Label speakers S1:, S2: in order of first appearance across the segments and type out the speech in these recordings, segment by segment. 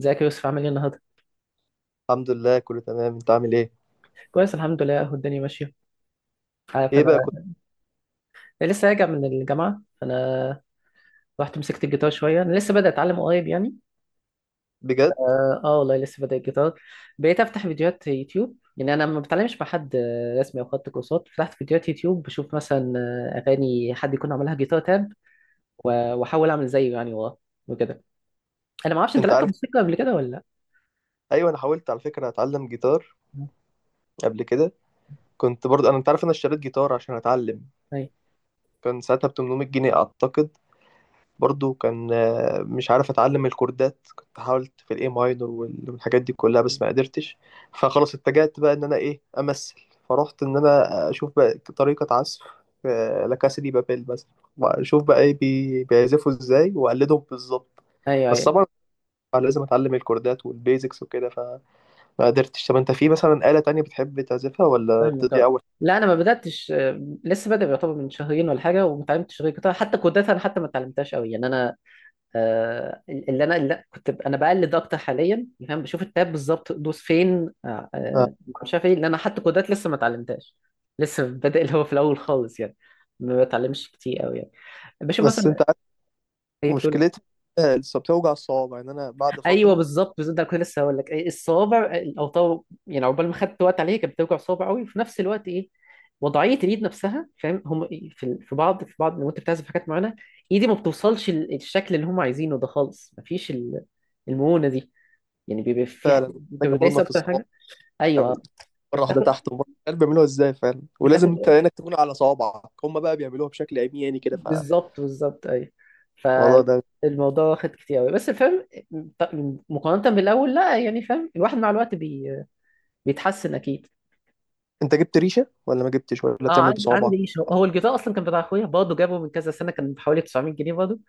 S1: ازيك يا يوسف؟ عامل ايه النهارده؟
S2: الحمد لله، كله تمام. انت عامل ايه؟
S1: كويس الحمد لله اهو الدنيا ماشيه. عارف
S2: ايه بقى
S1: انا
S2: كنت؟
S1: لسه راجع من الجامعه فانا رحت مسكت الجيتار شويه. انا لسه بدأت اتعلم قريب يعني.
S2: بجد.
S1: اه آه والله لسه بدأت الجيتار. بقيت افتح فيديوهات يوتيوب. يعني انا ما بتعلمش مع حد رسمي او خدت كورسات. فتحت فيديوهات يوتيوب بشوف مثلا اغاني حد يكون عملها جيتار تاب واحاول اعمل زيه يعني وراه وكده. انا ما اعرفش انت
S2: انت
S1: لعبت
S2: عارف.
S1: موسيقى قبل كده ولا لا؟
S2: ايوه، انا حاولت على فكره اتعلم جيتار قبل كده. كنت برضه انا انت عارف انا اشتريت جيتار عشان اتعلم.
S1: ايوه،
S2: كان ساعتها ب 800 جنيه اعتقد. برضه كان مش عارف اتعلم الكوردات. كنت حاولت في الاي ماينور والحاجات دي كلها بس ما قدرتش. فخلاص اتجهت بقى ان انا ايه امثل. فرحت ان انا اشوف بقى طريقه عزف لا كاسا دي بابيل مثلا. واشوف بقى ايه بيعزفوا ازاي واقلدهم بالظبط.
S1: ايوه،
S2: بس
S1: أيوه.
S2: طبعا فلازم اتعلم الكوردات والبيزكس وكده فما قدرتش. طب انت في مثلا آلة تانية بتحب تعزفها ولا انت
S1: فاهمك،
S2: دي
S1: اه.
S2: اول؟
S1: لا انا ما بداتش، لسه بادئ يعتبر من شهرين ولا حاجه، وما اتعلمتش غير جيتار. حتى كودات انا حتى ما اتعلمتهاش قوي يعني انا. اللي انا انا بقلد اكتر حاليا يعني، فاهم؟ بشوف التاب بالظبط دوس فين.
S2: آه.
S1: مش عارف ايه، لان انا حتى كودات لسه ما اتعلمتهاش. لسه بادئ اللي هو في الاول خالص يعني. ما بتعلمش كتير قوي يعني. بشوف
S2: بس
S1: مثلا.
S2: انت عارف
S1: ايه بتقول؟
S2: مشكلتها، لسه بتوجع الصوابع يعني انا بعد
S1: ايوه
S2: فترة.
S1: بالظبط بالظبط. ده كنت لسه هقول لك الصوابع، الاوطار يعني. عقبال ما خدت وقت عليها كانت بتوجع صوابع قوي، وفي نفس الوقت ايه، وضعيه اليد نفسها. فاهم هم في بعض لو انت بتعزف حاجات معينه ايدي ما بتوصلش الشكل اللي هم عايزينه ده خالص. مفيش المونه دي يعني، بيبقى في.
S2: فعلا،
S1: انت
S2: محتاجة
S1: بتدايس
S2: مرونة في
S1: اكتر
S2: الصوابع.
S1: حاجه. ايوه
S2: تعمل
S1: آه.
S2: إيه؟ مرة واحدة
S1: بتاخد
S2: تحت ومرة مش عارف بيعملوها ازاي، فعلا ولازم
S1: بتاخد
S2: انت عينك تكون على صوابعك. هم بقى بيعملوها بشكل عمياني كده فالموضوع
S1: بالظبط بالظبط ايوه.
S2: ده.
S1: فالموضوع واخد كتير قوي، بس فاهم مقارنه بالاول لا يعني. فاهم الواحد مع الوقت بيتحسن اكيد.
S2: انت جبت ريشة ولا ما جبتش ولا
S1: اه
S2: بتعمل
S1: عندي،
S2: بصوابعك؟
S1: عندي ايش هو. هو الجيتار اصلا كان بتاع اخويا برضه، جابه من كذا سنه، كان بحوالي 900 جنيه برضه.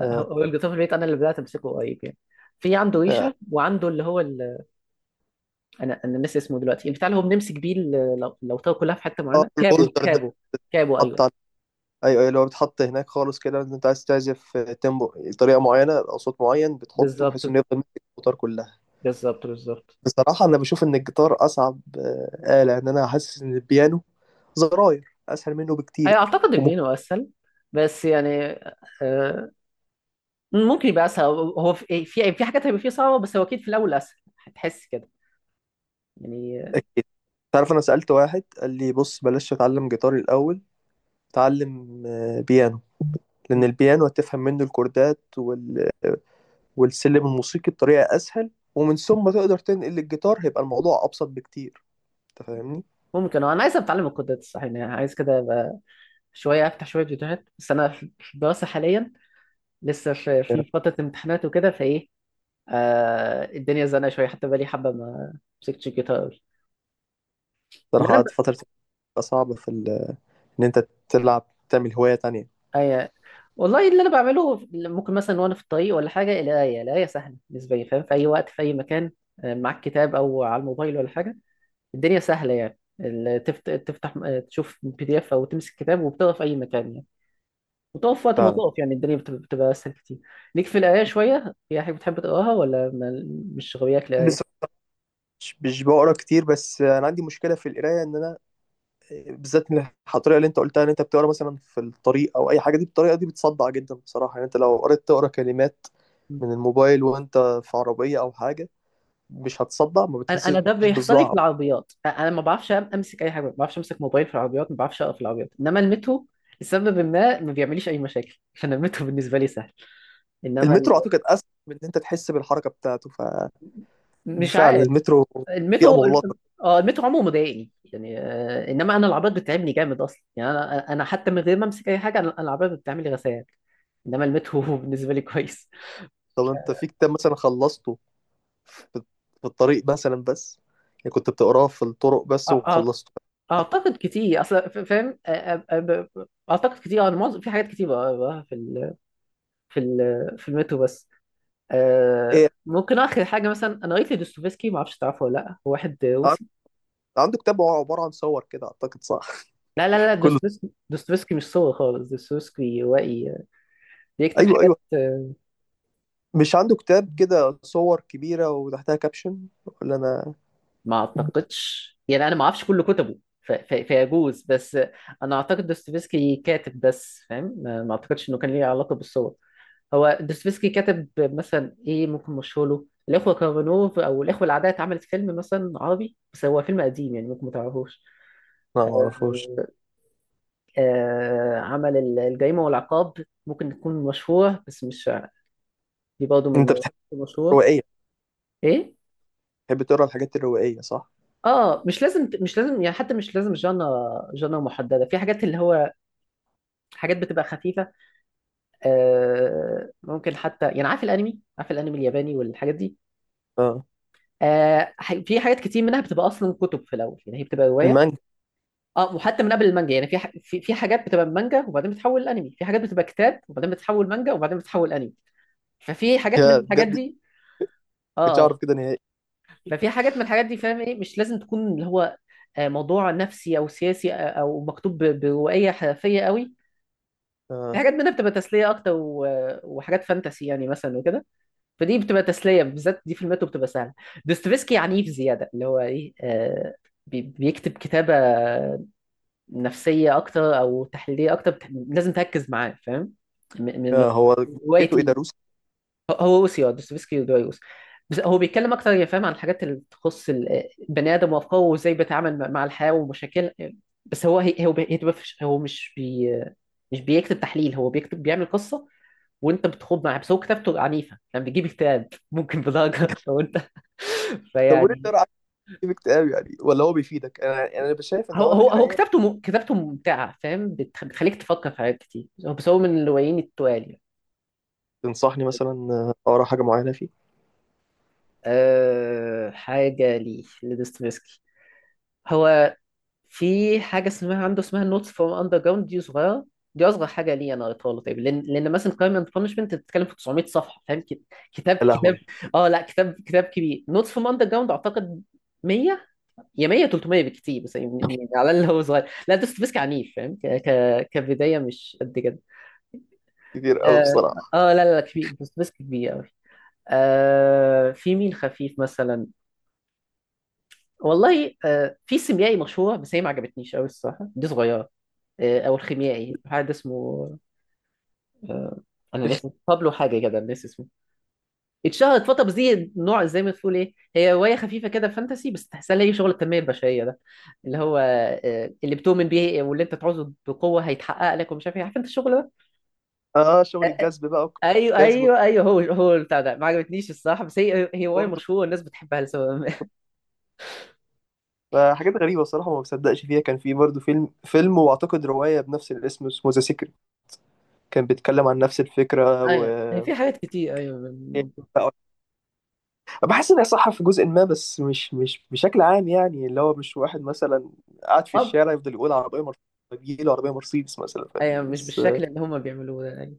S2: اه،
S1: الجيتار في البيت، انا اللي بدات امسكه قريب يعني. في عنده
S2: اه،
S1: ريشه وعنده اللي هو انا انا ناسي اسمه دلوقتي. البتاع اللي هو بنمسك بيه لو طار كلها في حته
S2: آه،
S1: معينه. كابو
S2: الهولدر ده.
S1: كابو كابو
S2: حط،
S1: ايوه.
S2: ايوه ايوه اللي هو بتحط هناك خالص كده. انت عايز تعزف تيمبو، طريقه معينه او صوت معين بتحطه
S1: بالظبط
S2: بحيث انه يفضل ماسك الجيتار كلها.
S1: بالظبط
S2: بصراحه انا بشوف ان الجيتار اصعب آلة، ان انا حاسس ان البيانو زراير اسهل منه
S1: ايوه.
S2: بكتير
S1: اعتقد
S2: وممكن.
S1: البينو اسهل، بس يعني آه، ممكن يبقى اسهل. هو في في حاجات هيبقى فيه صعبه، بس هو اكيد في الاول اسهل، هتحس كده يعني.
S2: اكيد. تعرف انا سالت واحد قال لي بص بلاش تتعلم جيتار الاول. تعلم بيانو. لان البيانو هتفهم منه الكوردات وال... والسلم الموسيقي بطريقه اسهل ومن ثم تقدر تنقل الجيتار، هيبقى الموضوع ابسط بكتير. انت فاهمني.
S1: ممكن. انا عايز اتعلم القدرات الصح يعني، عايز كده شويه افتح شويه فيديوهات. بس انا في الدراسه حاليا، لسه في فتره امتحانات وكده، فايه آه الدنيا زنقه شويه، حتى بقالي حبه ما مسكتش الجيتار قوي. اللي
S2: صراحة
S1: انا ب...
S2: قعدت فترة بتبقى صعبة في ال... إن أنت تلعب تعمل هواية تانية.
S1: آه والله اللي انا بعمله، ممكن مثلا وانا في الطريق ولا حاجه، القرايه، القرايه سهله بالنسبه لي فاهم، في اي وقت في اي مكان، معاك كتاب او على الموبايل ولا حاجه، الدنيا سهله يعني. تفتح تشوف بي دي اف او تمسك كتاب وبتقرا في اي مكان يعني، وتقف وقت ما
S2: فعلا.
S1: تقف يعني. الدنيا بتبقى اسهل كتير. ليك في القرايه شويه؟ في حاجه بتحب تقراها ولا مش غوياك
S2: بس
S1: القرايه؟
S2: مش بقرا كتير. بس أنا عندي مشكلة في القراية إن أنا بالذات من الطريقة اللي أنت قلتها إن أنت بتقرا مثلا في الطريق أو أي حاجة. دي الطريقة دي بتصدع جدا بصراحة. يعني أنت لو قريت تقرا كلمات من الموبايل وأنت في عربية أو حاجة، مش هتصدع؟ ما
S1: انا
S2: بتحسش
S1: انا ده بيحصل لي في
S2: بصداع؟
S1: العربيات. انا ما بعرفش امسك اي حاجه، ما بعرفش امسك موبايل في العربيات، ما بعرفش اقرا في العربيات. انما المترو لسبب ما، ما بيعمليش اي مشاكل، عشان المترو بالنسبه لي سهل. انما
S2: المترو
S1: ال-
S2: أعتقد أسهل من إن أنت تحس بالحركة بتاعته.
S1: مش
S2: ففعلا
S1: عارف.
S2: المترو بيئة
S1: المترو
S2: مغلقة.
S1: اه، المترو عمره ما ضايقني يعني انما انا العربيات بتتعبني جامد اصلا يعني. انا انا حتى من غير ما امسك اي حاجه، أنا العربيات بتعمل لي غثيان. انما المترو بالنسبه لي كويس.
S2: طب أنت في كتاب مثلا خلصته في الطريق مثلا بس، يعني كنت بتقراه في الطرق بس وخلصته؟
S1: اعتقد كتير اصل، فاهم اعتقد كتير. انا معظم في حاجات كتير بقراها في ال... في المترو بس. أه
S2: ايه،
S1: ممكن اخر حاجه مثلا، انا قريت لدوستويفسكي، ما اعرفش تعرفه ولا لا، هو واحد
S2: عن-
S1: روسي.
S2: عنده كتاب هو عبارة عن صور كده اعتقد، صح؟
S1: لا لا لا،
S2: كله،
S1: دوستويفسكي، دوستويفسكي مش صور خالص. دوستويفسكي روائي بيكتب
S2: ايوه ايوه.
S1: حاجات.
S2: مش عنده كتاب كده صور كبيرة وتحتها كابشن ولا انا؟
S1: ما اعتقدش يعني، انا ما اعرفش كل كتبه فيجوز، بس انا اعتقد دوستويفسكي كاتب بس فاهم. ما ما اعتقدش انه كان ليه علاقه بالصور. هو دوستويفسكي كاتب. مثلا ايه ممكن مشهور له؟ الاخوه كارامازوف، او الاخوه العادية، اتعملت فيلم مثلا عربي، بس هو فيلم قديم يعني، ممكن ما تعرفوش.
S2: لا ما
S1: آه
S2: اعرفوش.
S1: عمل الجريمه والعقاب، ممكن تكون مشهوره، بس مش دي برضه من
S2: انت بتحب
S1: مشهوره.
S2: الروائية،
S1: ايه؟
S2: بتحب تقرا الحاجات الروائية، صح؟
S1: اه مش لازم، مش لازم يعني، حتى مش لازم جانا محدده في حاجات اللي هو حاجات بتبقى خفيفة. ممكن حتى يعني، عارف الأنمي؟ عارف الأنمي الياباني والحاجات دي؟
S2: اه،
S1: في حاجات كتير منها بتبقى أصلا كتب في الأول يعني، هي بتبقى رواية.
S2: المانجا.
S1: اه، وحتى من قبل المانجا يعني، في في حاجات بتبقى من مانجا وبعدين بتتحول لأنمي، في حاجات بتبقى كتاب وبعدين بتتحول مانجا وبعدين بتتحول أنمي. ففي حاجات من
S2: يا
S1: الحاجات
S2: بجد،
S1: دي. اه
S2: كنتش اعرف
S1: اه
S2: كده نهائي.
S1: ففي حاجات من الحاجات دي فاهم، ايه مش لازم تكون اللي هو موضوع نفسي أو سياسي، أو مكتوب بروائية حرفية قوي. في
S2: اه.
S1: حاجات منها بتبقى تسلية أكتر وحاجات فانتسي يعني مثلا وكده، فدي بتبقى تسليه. بالذات دي في الماتو بتبقى سهله. دوستويفسكي عنيف زياده. اللي هو ايه بيكتب كتابه نفسيه اكتر او تحليليه اكتر، لازم تركز معاه فاهم. من
S2: هو
S1: روايه
S2: جيته ايه
S1: ايه.
S2: ده روسي؟
S1: هو اوسيو دوستويفسكي ودويوس. بس هو بيتكلم اكتر يا فاهم عن الحاجات اللي تخص البني ادم، وافكاره، وازاي بيتعامل مع الحياه ومشاكل. بس هو هي- هو بي- هي تبقى فيش- هو مش بي مش بيكتب تحليل، هو بيكتب بيعمل قصه وانت بتخوض معاه. بس هو كتابته عنيفه يعني، بيجيب اكتئاب ممكن بدرجه لو انت
S2: طب وليه
S1: فيعني.
S2: تقرا عن كتاب كتاب يعني؟ ولا هو بيفيدك؟ انا يعني انا شايف ان
S1: هو
S2: هو
S1: هو هو
S2: القراية...
S1: كتابته كتابته ممتعه فاهم، بتخليك تفكر في حاجات كتير. بس هو من الروايين التوالي.
S2: تنصحني مثلا اقرا حاجة معينة فيه؟
S1: أه... حاجه ليه لدوستويفسكي. هو في حاجه اسمها عنده اسمها نوتس فروم اندر جراوند، دي صغيره، دي اصغر حاجه لي انا قريتها له. طيب لان مثلا كرايم اند بانشمنت بتتكلم في 900 صفحه فاهم. كت- كتاب
S2: يا
S1: كتاب
S2: لهوي،
S1: اه لا، كتاب كبير. نوتس فروم اندر جراوند اعتقد 100، يا 100 300 بالكتير، بس يعني يعني على اللي هو صغير لا، دوست بيسك عنيف فاهم، كبدايه مش قد كده.
S2: كتير قوي
S1: اه
S2: بصراحه.
S1: لا لا لا كبير، دوست بيسك كبير قوي. آه في مين خفيف مثلا؟ والله آه في سيميائي مشهور، بس هي ما عجبتنيش قوي الصراحه، دي صغيره. آه، او الخيميائي حد اسمه. آه انا ناسي بابلو حاجه كده، ناسي اسمه. اتشهرت فتره، بس دي نوع زي ما تقول ايه، هي روايه خفيفه كده فانتسي، بس تحسها ليه شغل التنميه البشريه ده، اللي هو اللي بتؤمن بيه واللي انت تعوزه بقوه هيتحقق لك ومش عارف ايه، عارف انت الشغل ده.
S2: اه شغل الجذب بقى
S1: ايوه
S2: جذب
S1: ايوه ايوه هو هو البتاع ده ما عجبتنيش الصراحه بس هي هي روايه
S2: برضه.
S1: مشهوره والناس بتحبها لسبب ما
S2: فحاجات غريبه بصراحه ما بصدقش فيها. كان في برضه فيلم فيلم واعتقد روايه بنفس الاسم اسمه ذا سيكريت كان بيتكلم عن نفس الفكره و...
S1: ايوه هي في حاجات كتير ايوه من الموضوع ده.
S2: بحس انها صح في جزء ما بس مش بشكل عام. يعني اللي هو مش واحد مثلا قاعد في
S1: اه
S2: الشارع يفضل يقول عربيه مرسيدس يجيله عربيه مرسيدس مثلا، فاهمني؟
S1: ايوه مش
S2: بس
S1: بالشكل اللي هم بيعملوه ده ايوه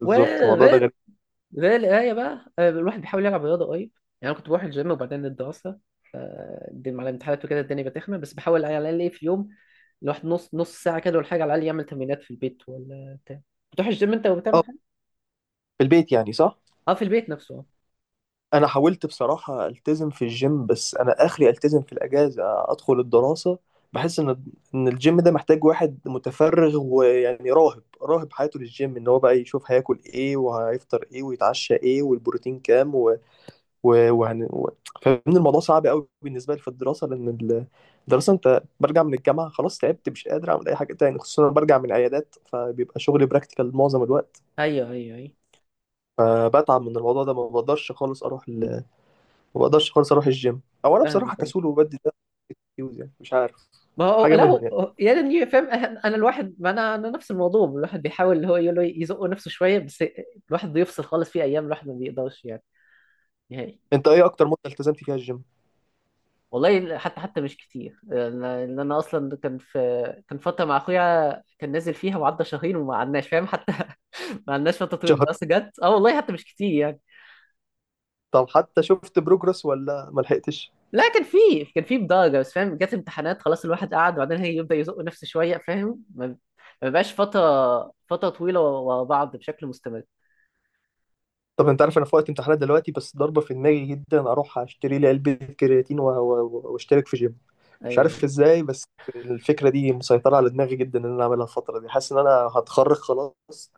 S2: بالظبط الموضوع ده
S1: وغير
S2: غريب.
S1: زي القراية بقى آه، الواحد بيحاول يلعب رياضة قريب يعني. أنا كنت بروح الجيم وبعدين الدراسة، فالدين على الامتحانات وكده الدنيا بتخمة، بس بحاول على الأقل إيه، في يوم الواحد نص ساعة كده ولا حاجة على الأقل يعمل تمرينات في البيت ولا بتاع. بتروح الجيم أنت
S2: اه.
S1: وبتعمل حاجة؟
S2: في البيت يعني، صح.
S1: أه في البيت نفسه أه.
S2: انا حاولت بصراحة التزم في الجيم بس انا اخري التزم في الاجازة ادخل الدراسة. بحس ان الجيم ده محتاج واحد متفرغ ويعني راهب راهب حياته للجيم، ان هو بقى يشوف هياكل ايه وهيفطر ايه ويتعشى ايه والبروتين كام و... و... وهن... و... فاهمني؟ الموضوع صعب قوي بالنسبة لي في الدراسة لان الدراسة انت برجع من الجامعة خلاص تعبت مش قادر اعمل اي حاجة تاني، خصوصا أنا برجع من عيادات فبيبقى شغلي براكتيكال معظم الوقت.
S1: أيوه
S2: فبتعب من الموضوع ده ما بقدرش خالص اروح الجيم. او انا بصراحه
S1: فاهمك أيوه.
S2: كسول وبدي ده اكسكيوز يعني، مش عارف.
S1: ما هو
S2: حاجه
S1: لا،
S2: منهم يعني.
S1: هو يا ريتني فاهم. أنا الواحد ما، أنا نفس الموضوع. الواحد بيحاول اللي هو يقول له يزق نفسه شوية، بس الواحد بيفصل خالص في أيام، الواحد ما بيقدرش يعني نهائي.
S2: انت ايه اكتر مده التزمت فيها الجيم؟
S1: والله حتى مش كتير انا. إن أنا اصلا كان في، كان فتره مع اخويا كان نازل فيها وعدى شهرين وما عدناش فاهم حتى ما عدناش فتره طويله.
S2: شهر؟
S1: بس جت اه والله حتى مش كتير يعني.
S2: طب حتى شفت بروجرس ولا ما لحقتش؟
S1: لا كان في، كان في بدرجه بس فاهم، جت امتحانات خلاص الواحد قعد، وبعدين هي يبدا يزق نفسه شويه فاهم ما، ما بقاش فتره طويله ورا بعض بشكل مستمر.
S2: طب انت عارف انا في وقت امتحانات دلوقتي بس ضربه في دماغي جدا اروح اشتري لي علبه كرياتين واشترك في جيم. مش
S1: ايوه
S2: عارف ازاي بس الفكره دي مسيطره على دماغي جدا ان انا اعملها الفتره دي. حاسس ان انا هتخرج خلاص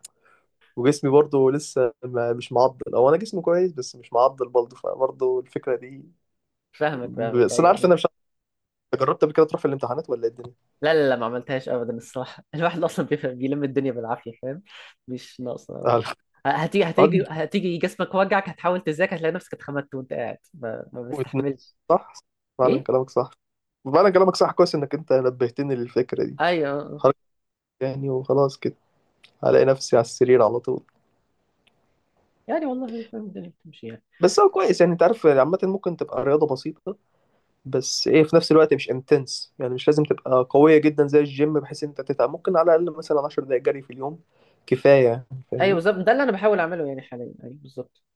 S2: وجسمي برضو لسه ما مش معضل، او انا جسمي كويس بس مش معضل برضو فبرضو الفكره دي.
S1: فاهمك فاهمك
S2: بس انا عارف ان
S1: ايوه.
S2: انا مش... أنت جربت قبل كده تروح في الامتحانات ولا إيه الدنيا؟
S1: لا لا لا ما عملتهاش ابدا الصراحه الواحد اصلا بيفهم بيلم الدنيا بالعافيه فاهم، مش ناقصه.
S2: على
S1: هتيجي هتيجي
S2: قد
S1: هتيجي جسمك وجعك، هتحاول تذاكر هتلاقي نفسك اتخمدت وانت قاعد ما
S2: واتنين،
S1: بستحملش.
S2: صح؟ فعلا
S1: ايه
S2: كلامك صح. فعلا كلامك صح، كويس إنك أنت نبهتني للفكرة دي.
S1: ايوه آه، آه.
S2: حركة يعني، وخلاص كده هلاقي نفسي على السرير على طول.
S1: يعني والله فاهم الدنيا بتمشي يعني.
S2: بس هو كويس يعني، أنت عارف عامة ممكن تبقى رياضة بسيطة بس في نفس الوقت مش انتنس، يعني مش لازم تبقى قوية جدا زي الجيم بحيث إن أنت تتعب. ممكن على الأقل مثلا 10 دقايق جري في اليوم كفاية يعني.
S1: ايوه
S2: فاهمني؟
S1: بالظبط، ده اللي انا بحاول اعمله يعني حاليا، ايوه بالظبط.